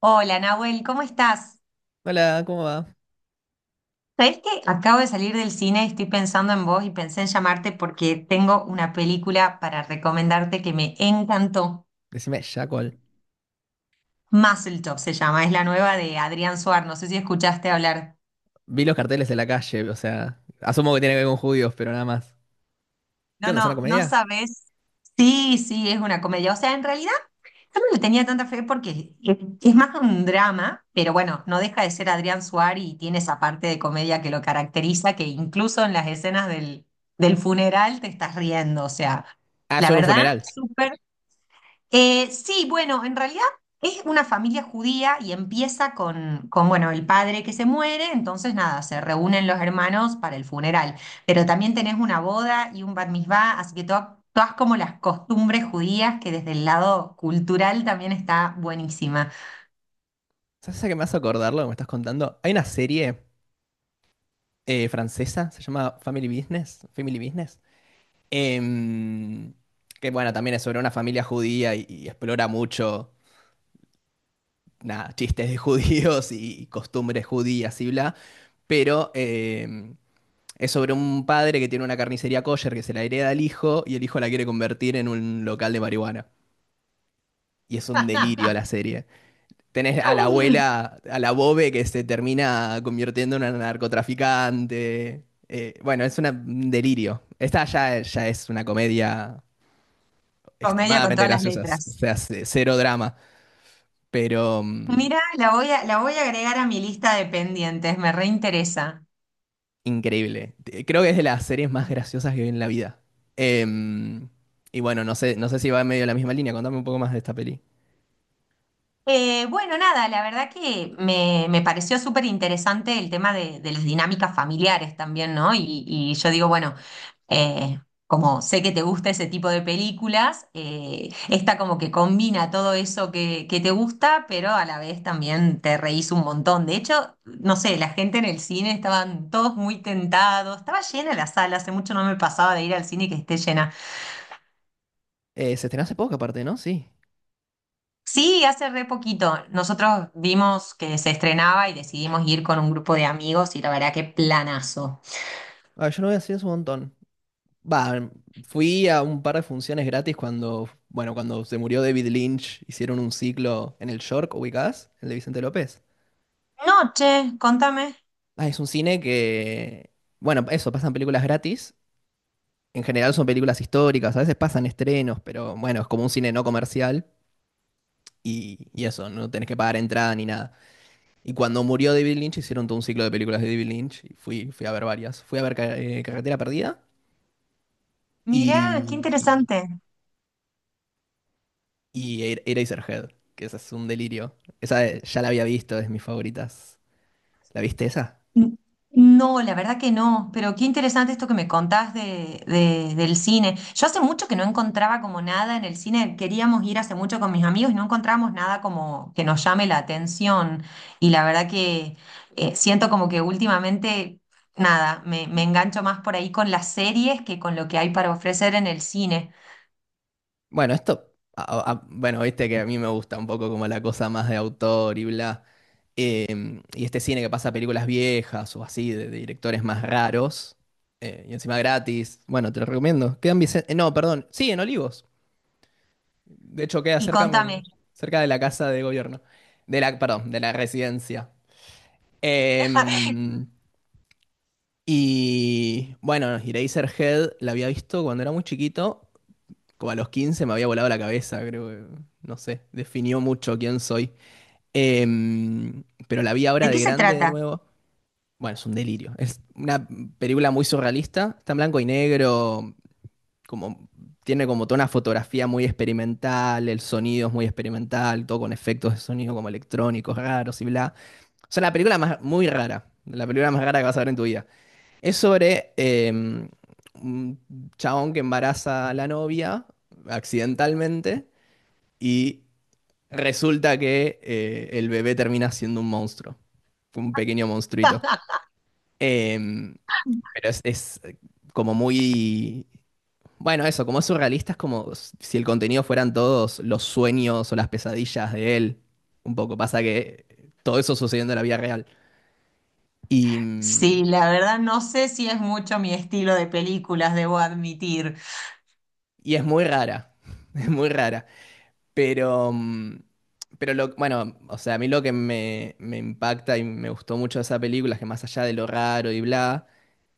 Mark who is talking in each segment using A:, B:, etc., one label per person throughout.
A: Hola Nahuel, ¿cómo estás?
B: Hola, ¿cómo va?
A: ¿Sabés que acabo de salir del cine? Estoy pensando en vos y pensé en llamarte porque tengo una película para recomendarte que me encantó.
B: Decime, Jackal.
A: Top se llama, es la nueva de Adrián Suar, no sé si escuchaste hablar.
B: Vi los carteles de la calle, o sea, asumo que tiene que ver con judíos, pero nada más. ¿Qué
A: No,
B: onda? ¿Es una
A: no, no
B: comedia?
A: sabés. Sí, sí, es una comedia. O sea, en realidad, yo no le tenía tanta fe porque es más un drama, pero bueno, no deja de ser Adrián Suárez y tiene esa parte de comedia que lo caracteriza, que incluso en las escenas del funeral te estás riendo. O sea,
B: Ah,
A: la
B: sobre un
A: verdad,
B: funeral.
A: súper sí, bueno, en realidad es una familia judía y empieza con bueno, el padre que se muere, entonces nada, se reúnen los hermanos para el funeral, pero también tenés una boda y un bat mitzvah, así que todas como las costumbres judías que desde el lado cultural también está buenísima.
B: ¿Sabes a qué me hace acordar lo que me estás contando? Hay una serie francesa, se llama Family Business, Family Business, em, que bueno, también es sobre una familia judía y explora mucho, nada, chistes de judíos y costumbres judías y bla, pero es sobre un padre que tiene una carnicería kosher que se la hereda al hijo y el hijo la quiere convertir en un local de marihuana. Y es un delirio la serie. Tenés a la abuela, a la Bobe que se termina convirtiendo en una narcotraficante. Bueno, es un delirio. Esta ya es una comedia
A: Comedia con
B: extremadamente
A: todas las
B: graciosa, o
A: letras.
B: sea, cero drama, pero
A: Mira, la voy a agregar a mi lista de pendientes, me reinteresa.
B: increíble. Creo que es de las series más graciosas que vi en la vida. Em, y bueno, no sé, no sé si va en medio de la misma línea. Contame un poco más de esta peli.
A: Bueno, nada, la verdad que me pareció súper interesante el tema de las dinámicas familiares también, ¿no? Y yo digo, bueno, eh, como sé que te gusta ese tipo de películas, esta como que combina todo eso que te gusta, pero a la vez también te reís un montón. De hecho, no sé, la gente en el cine estaban todos muy tentados, estaba llena la sala, hace mucho no me pasaba de ir al cine que esté llena.
B: Se estrenó hace poco, aparte, ¿no? Sí.
A: Sí, hace re poquito. Nosotros vimos que se estrenaba y decidimos ir con un grupo de amigos y la verdad que planazo.
B: Ah, yo no voy así hace un montón. Va, fui a un par de funciones gratis cuando, bueno, cuando se murió David Lynch, hicieron un ciclo en el York, ubicás, el de Vicente López.
A: Noche, contame.
B: Ah, es un cine que, bueno, eso, pasan películas gratis. En general son películas históricas, a veces pasan estrenos, pero bueno, es como un cine no comercial y eso, no tenés que pagar entrada ni nada. Y cuando murió David Lynch, hicieron todo un ciclo de películas de David Lynch y fui a ver varias. Fui a ver Carretera Perdida
A: Mirá, qué
B: y...
A: interesante.
B: Y Eraserhead, que esa es un delirio. Esa ya la había visto, es de mis favoritas. ¿La viste esa?
A: N- No, la verdad que no, pero qué interesante esto que me contás del cine. Yo hace mucho que no encontraba como nada en el cine, queríamos ir hace mucho con mis amigos y no encontramos nada como que nos llame la atención. Y la verdad que siento como que últimamente, nada, me engancho más por ahí con las series que con lo que hay para ofrecer en el cine.
B: Bueno, esto, bueno, viste que a mí me gusta un poco como la cosa más de autor y bla. Y este cine que pasa películas viejas o así, de directores más raros, y encima gratis. Bueno, te lo recomiendo. Quedan Vicente. No, perdón. Sí, en Olivos. De hecho, queda
A: Y
B: cerca,
A: contame,
B: cerca de la casa de gobierno. Perdón, de la residencia. Em, Y bueno, Eraserhead la había visto cuando era muy chiquito, como a los 15 me había volado la cabeza, creo que, no sé, definió mucho quién soy. Pero la vi ahora
A: ¿de qué
B: de
A: se
B: grande de
A: trata?
B: nuevo. Bueno, es un delirio. Es una película muy surrealista, está en blanco y negro, como tiene como toda una fotografía muy experimental, el sonido es muy experimental, todo con efectos de sonido como electrónicos raros y bla. O sea, muy rara, la película más rara que vas a ver en tu vida. Es sobre un chabón que embaraza a la novia accidentalmente y resulta que el bebé termina siendo un monstruo, un pequeño monstruito. Eh, es como muy. Bueno, eso, como es surrealista, es como si el contenido fueran todos los sueños o las pesadillas de él. Un poco pasa que todo eso sucediendo en la vida real. Y, mm,
A: Sí, la verdad no sé si es mucho mi estilo de películas, debo admitir.
B: y es muy rara, es muy rara. Pero, mm, bueno, o sea, a mí lo que me impacta y me gustó mucho de esa película es que más allá de lo raro y bla,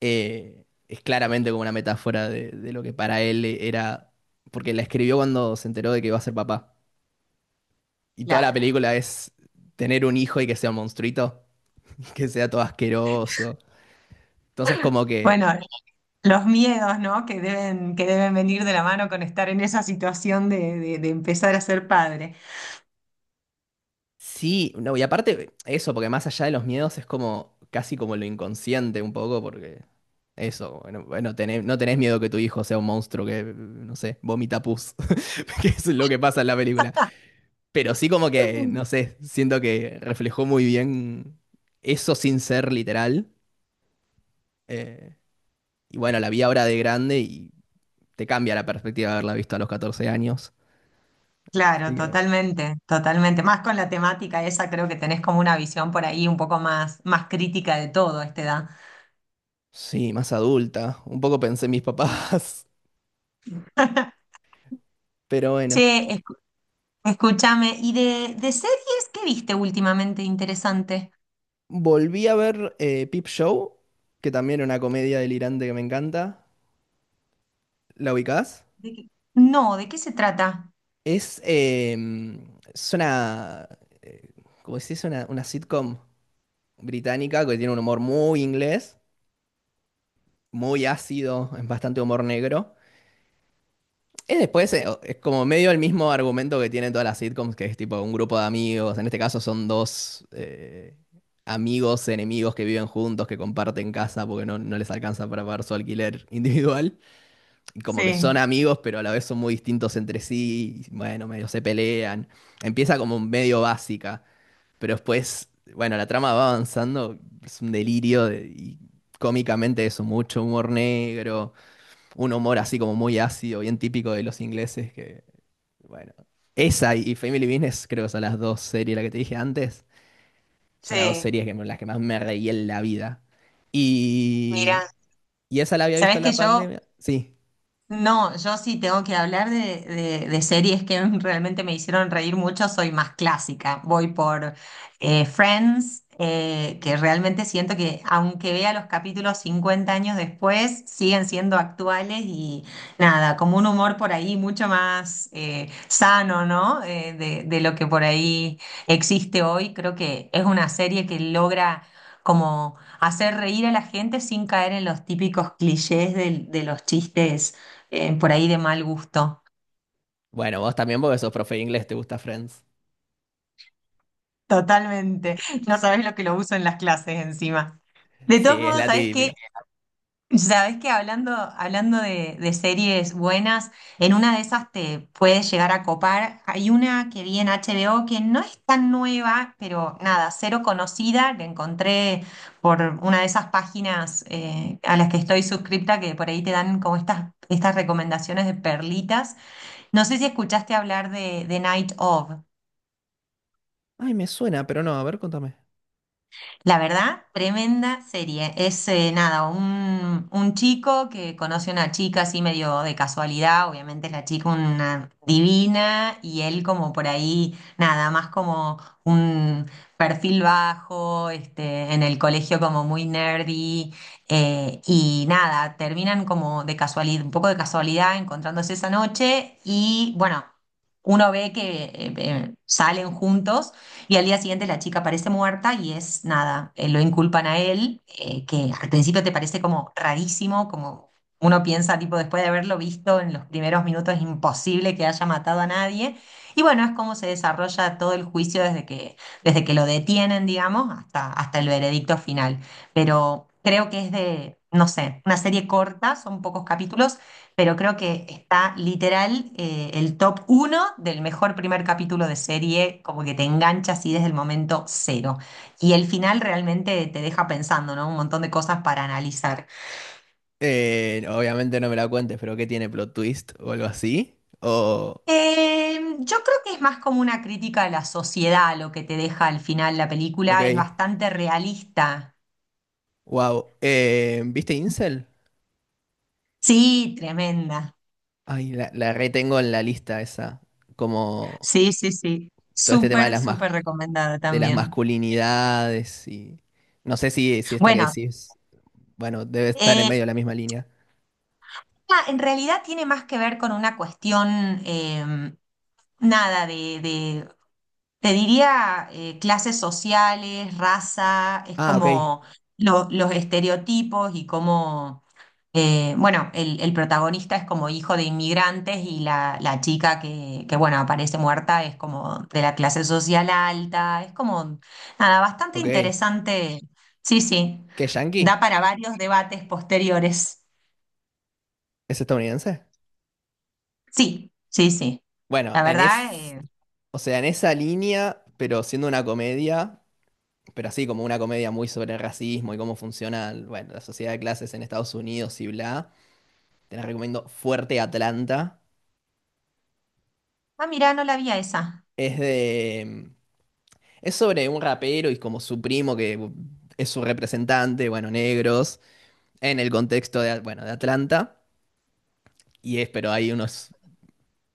B: es claramente como una metáfora de lo que para él era, porque la escribió cuando se enteró de que iba a ser papá. Y toda la
A: Claro.
B: película es tener un hijo y que sea un monstruito, que sea todo asqueroso. Entonces como que
A: Bueno, los miedos, ¿no? Que deben venir de la mano con estar en esa situación de, de empezar a ser padre.
B: sí, no, y aparte eso, porque más allá de los miedos es como casi como lo inconsciente un poco, porque eso, bueno, no tenés miedo que tu hijo sea un monstruo que, no sé, vomita pus, que es lo que pasa en la película. Pero sí como que, no sé, siento que reflejó muy bien eso sin ser literal. eh, y bueno, la vi ahora de grande y te cambia la perspectiva de haberla visto a los 14 años.
A: Claro,
B: Así que
A: totalmente, totalmente. Más con la temática esa, creo que tenés como una visión por ahí un poco más, más crítica de todo a esta edad.
B: sí, más adulta. Un poco pensé en mis papás, pero bueno.
A: Che, escu- Escúchame, ¿y de series qué viste últimamente interesante?
B: Volví a ver Peep Show, que también era una comedia delirante que me encanta. ¿La ubicás?
A: ¿De qué- No, ¿de qué se trata?
B: Es, eh, es una, eh, ¿Cómo decís? Una sitcom británica que tiene un humor muy inglés, muy ácido, es bastante humor negro. Es después, es como medio el mismo argumento que tienen todas las sitcoms, que es tipo un grupo de amigos. En este caso son dos amigos, enemigos que viven juntos, que comparten casa porque no, no les alcanza para pagar su alquiler individual. Como que son
A: Sí,
B: amigos, pero a la vez son muy distintos entre sí, y, bueno, medio se pelean. Empieza como medio básica, pero después, bueno, la trama va avanzando, es un delirio de- y cómicamente eso, mucho humor negro, un humor así como muy ácido, bien típico de los ingleses, que, bueno, esa y Family Business creo que son las dos series, la que te dije antes, son las dos
A: sí,
B: series que, las que más me reí en la vida. Y,
A: mira,
B: y esa la había visto
A: sabés
B: en
A: que
B: la
A: yo.
B: pandemia, sí.
A: No, yo sí tengo que hablar de, de series que realmente me hicieron reír mucho, soy más clásica. Voy por Friends, que realmente siento que aunque vea los capítulos 50 años después, siguen siendo actuales y nada, como un humor por ahí mucho más sano, ¿no? De lo que por ahí existe hoy. Creo que es una serie que logra como hacer reír a la gente sin caer en los típicos clichés de los chistes, por ahí de mal gusto.
B: Bueno, vos también porque sos profe de inglés, te gusta Friends.
A: Totalmente. No sabés lo que lo uso en las clases encima. De todos
B: Sí, es
A: modos,
B: la típica.
A: sabés que hablando de series buenas, en una de esas te puedes llegar a copar. Hay una que vi en HBO que no es tan nueva, pero nada, cero conocida. La encontré por una de esas páginas, a las que estoy suscripta, que por ahí te dan como estas recomendaciones de perlitas. No sé si escuchaste hablar de Night Of.
B: Ay, me suena, pero no, a ver, contame.
A: La verdad, tremenda serie. Es, nada, un chico que conoce a una chica así medio de casualidad, obviamente la chica una divina y él como por ahí, nada, más como un perfil bajo, este, en el colegio como muy nerdy, y nada, terminan como de casualidad, un poco de casualidad encontrándose esa noche y bueno, uno ve que salen juntos. Y al día siguiente la chica aparece muerta y es nada, lo inculpan a él, que al principio te parece como rarísimo, como uno piensa, tipo, después de haberlo visto en los primeros minutos, es imposible que haya matado a nadie. Y bueno, es como se desarrolla todo el juicio desde que lo detienen, digamos, hasta el veredicto final. Pero creo que es de, no sé, una serie corta, son pocos capítulos, pero creo que está literal, el top uno del mejor primer capítulo de serie, como que te engancha así desde el momento cero. Y el final realmente te deja pensando, ¿no? Un montón de cosas para analizar.
B: Obviamente no me la cuentes, pero ¿qué tiene plot twist o algo así? O,
A: Yo creo que es más como una crítica a la sociedad lo que te deja al final la
B: ok,
A: película, es bastante realista.
B: wow. ¿Viste Incel?
A: Sí, tremenda.
B: Ay, la retengo en la lista esa, como
A: Sí, sí, sí.
B: todo este tema de
A: Súper,
B: las,
A: súper recomendada
B: de las
A: también.
B: masculinidades y no sé si esta que
A: Bueno,
B: decís, bueno, debe estar en
A: eh,
B: medio de la misma línea.
A: ah, en realidad tiene más que ver con una cuestión, nada te diría, clases sociales, raza, es
B: Ah, ok,
A: como los estereotipos y cómo, bueno, el protagonista es como hijo de inmigrantes y la chica que, bueno, aparece muerta es como de la clase social alta, es como, nada, bastante
B: ok.
A: interesante, sí, sí,
B: ¿Qué,
A: da
B: yankee?
A: para varios debates posteriores,
B: ¿Es estadounidense?
A: sí, sí, sí,
B: Bueno,
A: la
B: en
A: verdad,
B: es. O sea, en esa línea, pero siendo una comedia, pero así como una comedia muy sobre el racismo y cómo funciona, bueno, la sociedad de clases en Estados Unidos y bla, te la recomiendo fuerte Atlanta.
A: ah, mira, no la vi a esa.
B: Es de... Es sobre un rapero y como su primo que es su representante, bueno, negros, en el contexto de, bueno, de Atlanta. Y es, pero hay unos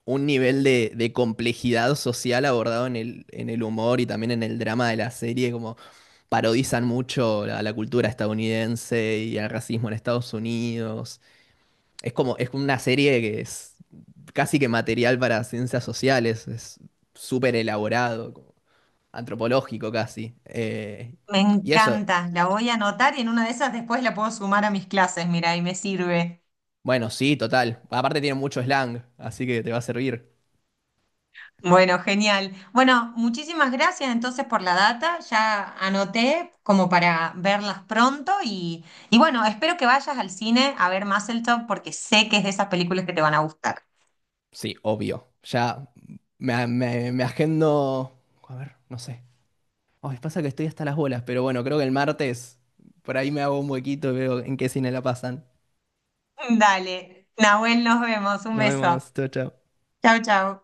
B: un nivel de complejidad social abordado en el humor y también en el drama de la serie, como parodizan mucho la, la cultura estadounidense y el racismo en Estados Unidos. Es como, es una serie que es casi que material para ciencias sociales, es súper elaborado, como antropológico casi.
A: Me
B: Y eso,
A: encanta, la voy a anotar y en una de esas después la puedo sumar a mis clases, mira, y me sirve.
B: bueno, sí, total. Aparte tiene mucho slang, así que te va a servir.
A: Bueno, genial. Bueno, muchísimas gracias entonces por la data, ya anoté como para verlas pronto y bueno, espero que vayas al cine a ver Top porque sé que es de esas películas que te van a gustar.
B: Sí, obvio. Ya me agendo. A ver, no sé. Ay, pasa que estoy hasta las bolas, pero bueno, creo que el martes por ahí me hago un huequito y veo en qué cine la pasan.
A: Dale, Nahuel, nos vemos, un
B: Nos
A: beso.
B: vemos, chao, chao.
A: Chau, chau.